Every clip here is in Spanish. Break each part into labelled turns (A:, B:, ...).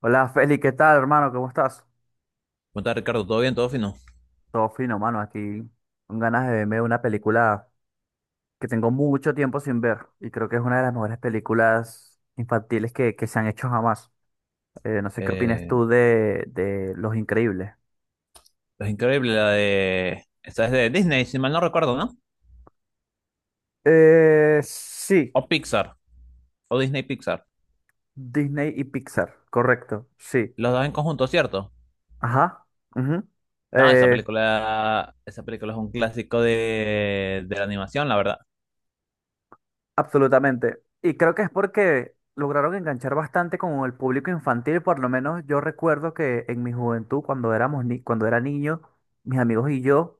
A: Hola Feli, ¿qué tal, hermano? ¿Cómo estás?
B: ¿Cómo estás, Ricardo? ¿Todo bien? ¿Todo fino?
A: Todo fino, mano, aquí con ganas de verme una película que tengo mucho tiempo sin ver y creo que es una de las mejores películas infantiles que se han hecho jamás. No sé qué opinas
B: Eh,
A: tú de Los Increíbles.
B: es increíble la de... Esta es de Disney, si mal no recuerdo, ¿no?
A: Sí,
B: O Pixar, o Disney Pixar.
A: Disney y Pixar, correcto, sí.
B: Los dos en conjunto, ¿cierto?
A: Ajá, ujú.
B: No,
A: Eh,
B: esa película es un clásico de la animación, la verdad.
A: Absolutamente. Y creo que es porque lograron enganchar bastante con el público infantil. Por lo menos yo recuerdo que en mi juventud, cuando éramos ni cuando era niño, mis amigos y yo,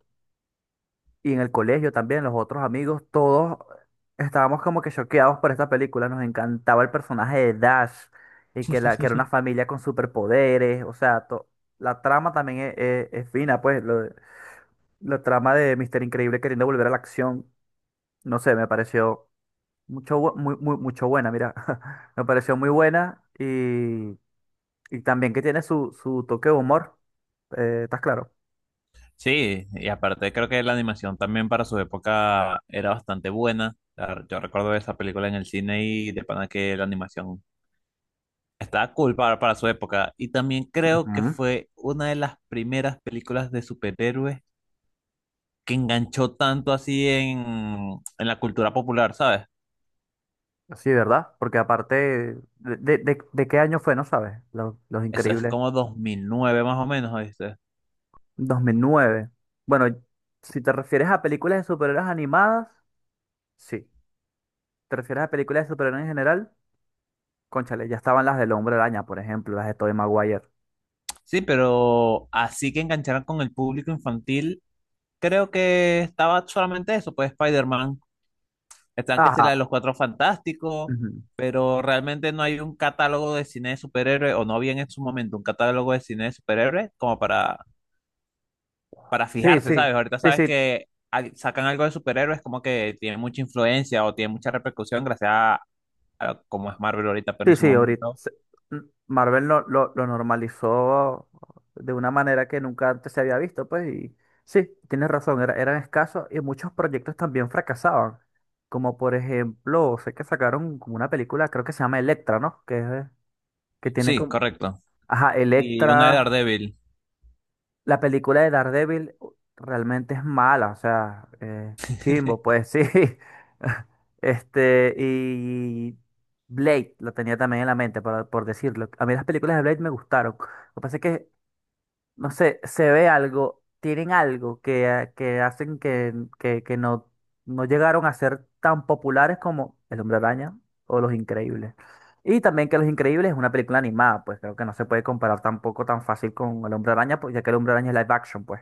A: y en el colegio también, los otros amigos, todos estábamos como que choqueados por esta película. Nos encantaba el personaje de Dash y que era una familia con superpoderes. O sea, la trama también es fina, pues, la trama de Mister Increíble queriendo volver a la acción. No sé, me pareció Mucho, bu- muy, muy- mucho buena, mira. Me pareció muy buena y también que tiene su toque de humor. Eh, ¿estás claro?
B: Sí, y aparte creo que la animación también para su época era bastante buena. Yo recuerdo esa película en el cine y de pana que la animación estaba cool para su época. Y también creo que
A: Ujú.
B: fue una de las primeras películas de superhéroes que enganchó tanto así en la cultura popular, ¿sabes?
A: Sí, ¿verdad? Porque aparte, ¿de qué año fue? No sabes. Los
B: Eso es
A: Increíbles.
B: como 2009 más o menos, ¿viste?
A: Dos mil nueve. Bueno, si te refieres a películas de superhéroes animadas, sí. ¿Te refieres a películas de superhéroes en general? Cónchale, ya estaban las del Hombre Araña, por ejemplo, las de Tobey Maguire.
B: Sí, pero así que engancharan con el público infantil, creo que estaba solamente eso, pues Spider-Man, están que es
A: Ajá,
B: la de los Cuatro Fantásticos,
A: ujú.
B: pero realmente no hay un catálogo de cine de superhéroes, o no había en su momento un catálogo de cine de superhéroes como para
A: Sí,
B: fijarse,
A: sí.
B: ¿sabes? Ahorita
A: Sí,
B: sabes
A: sí.
B: que sacan algo de superhéroes como que tiene mucha influencia o tiene mucha repercusión gracias a cómo es Marvel ahorita, pero
A: Sí,
B: en su
A: sí.
B: momento.
A: Marvel lo normalizó de una manera que nunca antes se había visto, pues, y sí, tienes razón, eran escasos y muchos proyectos también fracasaban. Como por ejemplo, sé que sacaron como una película, creo que se llama Electra, ¿no? Que, es de- que tiene
B: Sí,
A: como,
B: correcto.
A: ajá,
B: Y una de
A: Electra,
B: Daredevil.
A: la película de Daredevil realmente es mala. O sea, chimbo, pues sí. Y Blade, lo tenía también en la mente, por decirlo. A mí las películas de Blade me gustaron. Lo que pasa es que no sé, se ve algo, tienen algo que hacen que no, no llegaron a ser tan populares como El Hombre Araña o Los Increíbles. Y también que Los Increíbles es una película animada, pues creo que no se puede comparar tampoco tan fácil con El Hombre Araña, pues, ya que El Hombre Araña es live action, pues.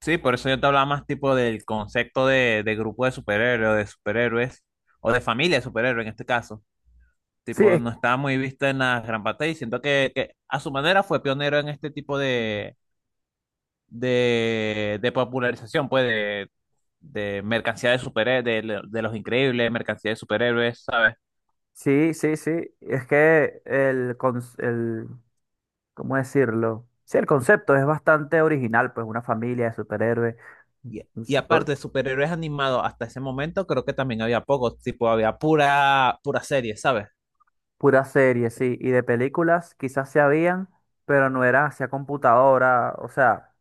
B: Sí, por eso yo te hablaba más tipo del concepto de grupo de superhéroes, o de superhéroes, o de familia de superhéroes en este caso.
A: Sí,
B: Tipo,
A: es-
B: no estaba muy vista en las gran pantalla y siento que a su manera fue pionero en este tipo
A: Mm.
B: de popularización, pues, de mercancía de superhéroes, de los increíbles, mercancía de superhéroes, ¿sabes?
A: Sí, sí, sí, es que el, cons- el, ¿cómo decirlo? Sí, el concepto es bastante original, pues una familia de superhéroes.
B: Y aparte de superhéroes animados, hasta ese momento creo que también había pocos, tipo, había pura, pura serie, ¿sabes?
A: Pura serie, sí. Y de películas quizás se habían, pero no eran hacia computadora. O sea,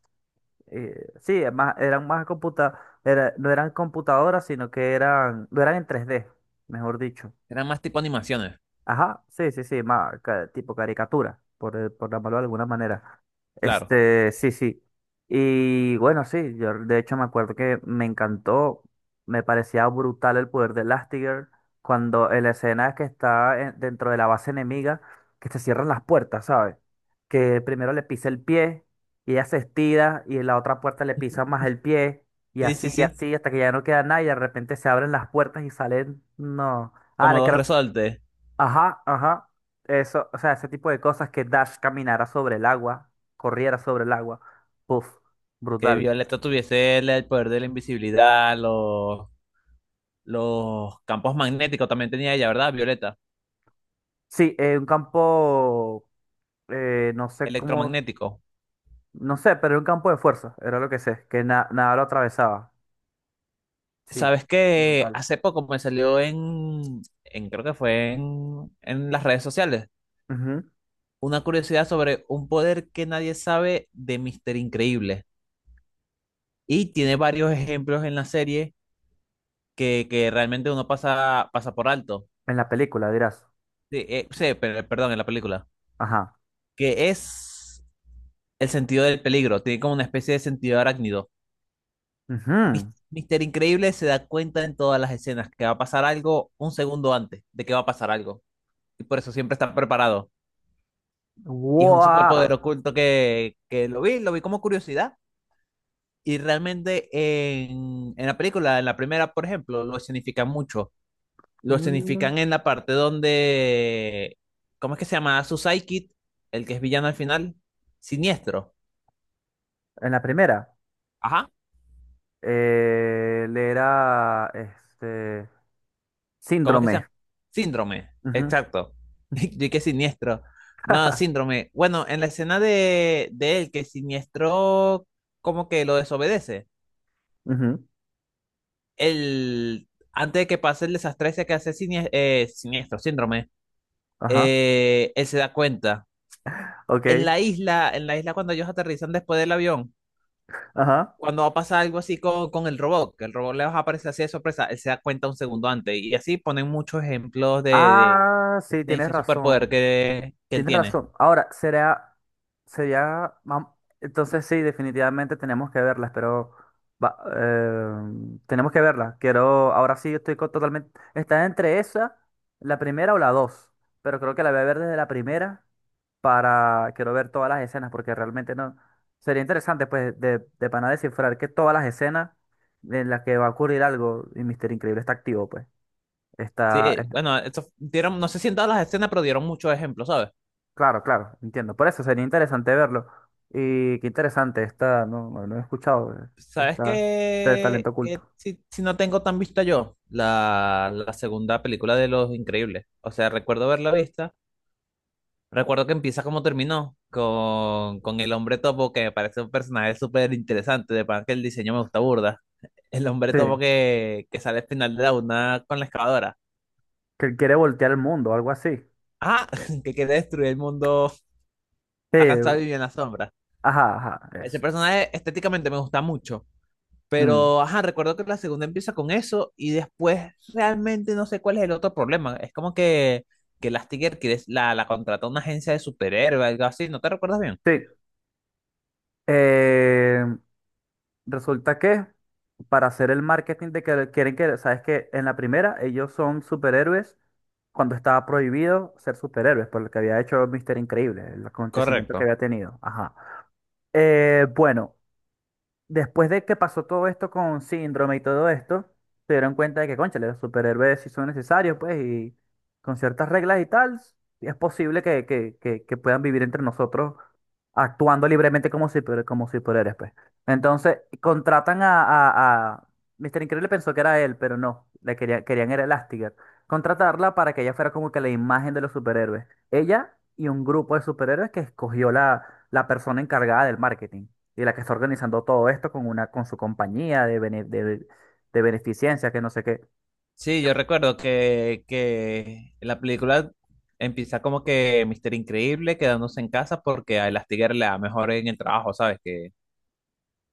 A: eh, sí, es más, eran más computa, era- no eran computadoras, sino que eran, no eran en tres d, mejor dicho.
B: Eran más tipo animaciones,
A: Ajá, sí, sí, sí, tipo caricatura, por llamarlo de alguna manera.
B: claro.
A: Este, sí, sí. Y bueno, sí, yo de hecho me acuerdo que me encantó, me parecía brutal el poder de Elastigirl cuando en la escena que dentro de la base enemiga, que se cierran las puertas, ¿sabes? Que primero le pisa el pie y ella se estira y en la otra puerta le pisa más el pie,
B: Sí, sí,
A: y
B: sí.
A: así hasta que ya no queda nada, y de repente se abren las puertas y salen, no. Ah,
B: Como
A: le
B: dos
A: creo.
B: resortes,
A: Ajá, ajá. Eso, o sea, ese tipo de cosas, que Dash caminara sobre el agua, corriera sobre el agua. Puf,
B: que
A: brutal.
B: Violeta tuviese el poder de la invisibilidad, los campos magnéticos también tenía ella, ¿verdad? Violeta,
A: Sí, un campo, eh, no sé cómo,
B: Electromagnético.
A: no sé, pero era un campo de fuerza, era lo que sé, que nada lo atravesaba. Sí,
B: Sabes que
A: brutal.
B: hace poco me salió en creo que fue en las redes sociales,
A: Ujú.
B: una curiosidad sobre un poder que nadie sabe de Mister Increíble. Y tiene varios ejemplos en la serie que realmente uno pasa, pasa por alto.
A: En la película, dirás.
B: Sí, sí, perdón, en la película.
A: Ajá.
B: Que es el sentido del peligro. Tiene como una especie de sentido arácnido.
A: Ujú.
B: Mister Increíble se da cuenta en todas las escenas que va a pasar algo un segundo antes de que va a pasar algo. Y por eso siempre está preparado. Y es un
A: ¡Guau!
B: superpoder oculto que lo vi como curiosidad. Y realmente en la película, en la primera, por ejemplo, lo significan mucho. Lo
A: Mm.
B: significan en la parte donde, ¿cómo es que se llama? Su sidekick, el que es villano al final, siniestro.
A: En la primera,
B: Ajá.
A: eh, le era, este,
B: ¿Cómo es que se
A: síndrome.
B: llama? Síndrome,
A: Ujú.
B: exacto. Yo que siniestro. No, síndrome. Bueno, en la escena de él, que siniestro como que lo desobedece.
A: Ujú.
B: El, antes de que pase el desastre ese que hace siniestro, síndrome,
A: Ajá.
B: él se da cuenta.
A: Ok,
B: En la isla cuando ellos aterrizan después del avión,
A: ajá.
B: cuando va a pasar algo así con el robot, que el robot les va a aparecer así de sorpresa, él se da cuenta un segundo antes. Y así ponen muchos ejemplos de, de,
A: Ah, sí,
B: de
A: tienes
B: ese superpoder
A: razón.
B: que él
A: Tienes
B: tiene.
A: razón. Ahora, sería, vam- entonces sí, definitivamente tenemos que verlas, pero va- eh, tenemos que verlas. Quiero, ahora sí, totalmente, está entre esa, la primera o la dos, pero creo que la voy a ver desde la primera para, quiero ver todas las escenas, porque realmente no, sería interesante, pues, de pana descifrar que todas las escenas en las que va a ocurrir algo y Mister Increíble está activo, pues.
B: Sí,
A: Está.
B: bueno, eso, dieron, no sé si en todas las escenas, pero dieron muchos ejemplos, ¿sabes?
A: Claro, claro, entiendo. Por eso sería interesante verlo. Y qué interesante, está, no, no, no he escuchado,
B: ¿Sabes
A: esta, este
B: qué?
A: talento
B: Qué
A: oculto.
B: si, si no tengo tan vista yo, la segunda película de Los Increíbles. O sea, recuerdo verla vista, recuerdo que empieza como terminó, con el hombre topo, que me parece un personaje súper interesante, de pan que el diseño me gusta burda. El hombre
A: Sí,
B: topo que sale al final de la una con la excavadora.
A: que él quiere voltear el mundo, algo así.
B: Ah, que quiere destruir el mundo,
A: Sí,
B: está cansado de vivir en la sombra.
A: ajá, ajá,
B: Ese
A: eso.
B: personaje estéticamente me gusta mucho.
A: Mm,
B: Pero, ajá, recuerdo que la segunda empieza con eso y después realmente no sé cuál es el otro problema. Es como que la, la contrató una agencia de superhéroes, algo así, ¿no te recuerdas bien?
A: sí, eh, resulta que para hacer el marketing de que quieren que, sabes que en la primera ellos son superhéroes cuando estaba prohibido ser superhéroes, por lo que había hecho Mister Increíble, el acontecimiento que
B: Correcto.
A: había tenido. Ajá. Bueno. Después de que pasó todo esto con síndrome y todo esto, se dieron cuenta de que, cónchale, los superhéroes sí son necesarios, pues, y con ciertas reglas y tal, es posible que puedan vivir entre nosotros actuando libremente como superhéroes, pues. Entonces, contratan a... Mr. Increíble pensó que era él, pero no, querían era Elastigirl. Contratarla para que ella fuera como que la imagen de los superhéroes. Ella y un grupo de superhéroes que escogió la persona encargada del marketing y la que está organizando todo esto con una, con su compañía de beneficencia, que no sé qué.
B: Sí, yo recuerdo que la película empieza como que Mister Increíble quedándose en casa porque a Elastigirl le da mejor en el trabajo, ¿sabes? Que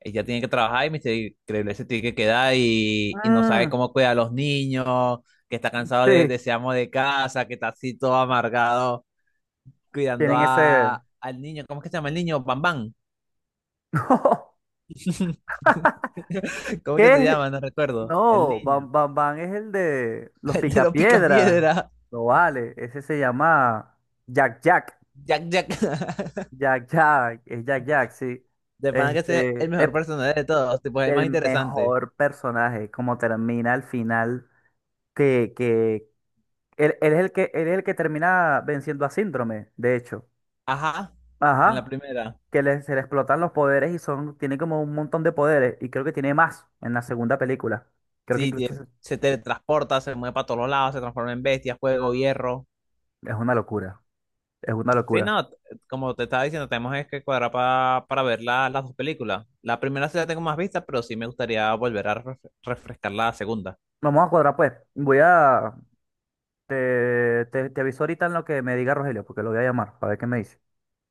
B: ella tiene que trabajar y mister Increíble se tiene que quedar y no sabe
A: Mm,
B: cómo cuidar a los niños, que está cansado de
A: sí,
B: ese amo de casa, que está así todo amargado cuidando
A: tienen ese.
B: a, al niño. ¿Cómo es que se llama el niño? Bam Bam.
A: No,
B: ¿Cómo es que se
A: ¿qué?
B: llama? No recuerdo. El
A: No,
B: niño.
A: Bam Bam Bam es el de los
B: El de los
A: picapiedras.
B: picapiedra.
A: No vale, ese se llama Jack Jack.
B: Jack Jack.
A: Jack Jack, es Jack Jack, sí.
B: De pana que ese es el
A: Este,
B: mejor
A: ep,
B: personaje de todos. Tipo, es el más
A: el
B: interesante.
A: mejor personaje, como termina al final, que, que él es el que, él es el que termina venciendo a Síndrome, de hecho.
B: Ajá. En la
A: Ajá,
B: primera.
A: se le explotan los poderes y son, tiene como un montón de poderes y creo que tiene más en la segunda película. Creo que
B: Sí,
A: incluso se-
B: se teletransporta, se mueve para todos lados, se transforma en bestia, fuego, hierro.
A: Es una locura, es una
B: Sí,
A: locura.
B: no, como te estaba diciendo, tenemos es que cuadrar para ver las dos películas. La primera sí la tengo más vista, pero sí me gustaría volver a refrescar la segunda.
A: Vamos a cuadrar, pues. Te, te aviso ahorita en lo que me diga Rogelio, porque lo voy a llamar, para ver qué me dice.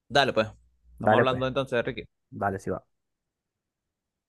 B: Dale, pues. Estamos
A: Dale pues,
B: hablando entonces, Ricky.
A: dale si va.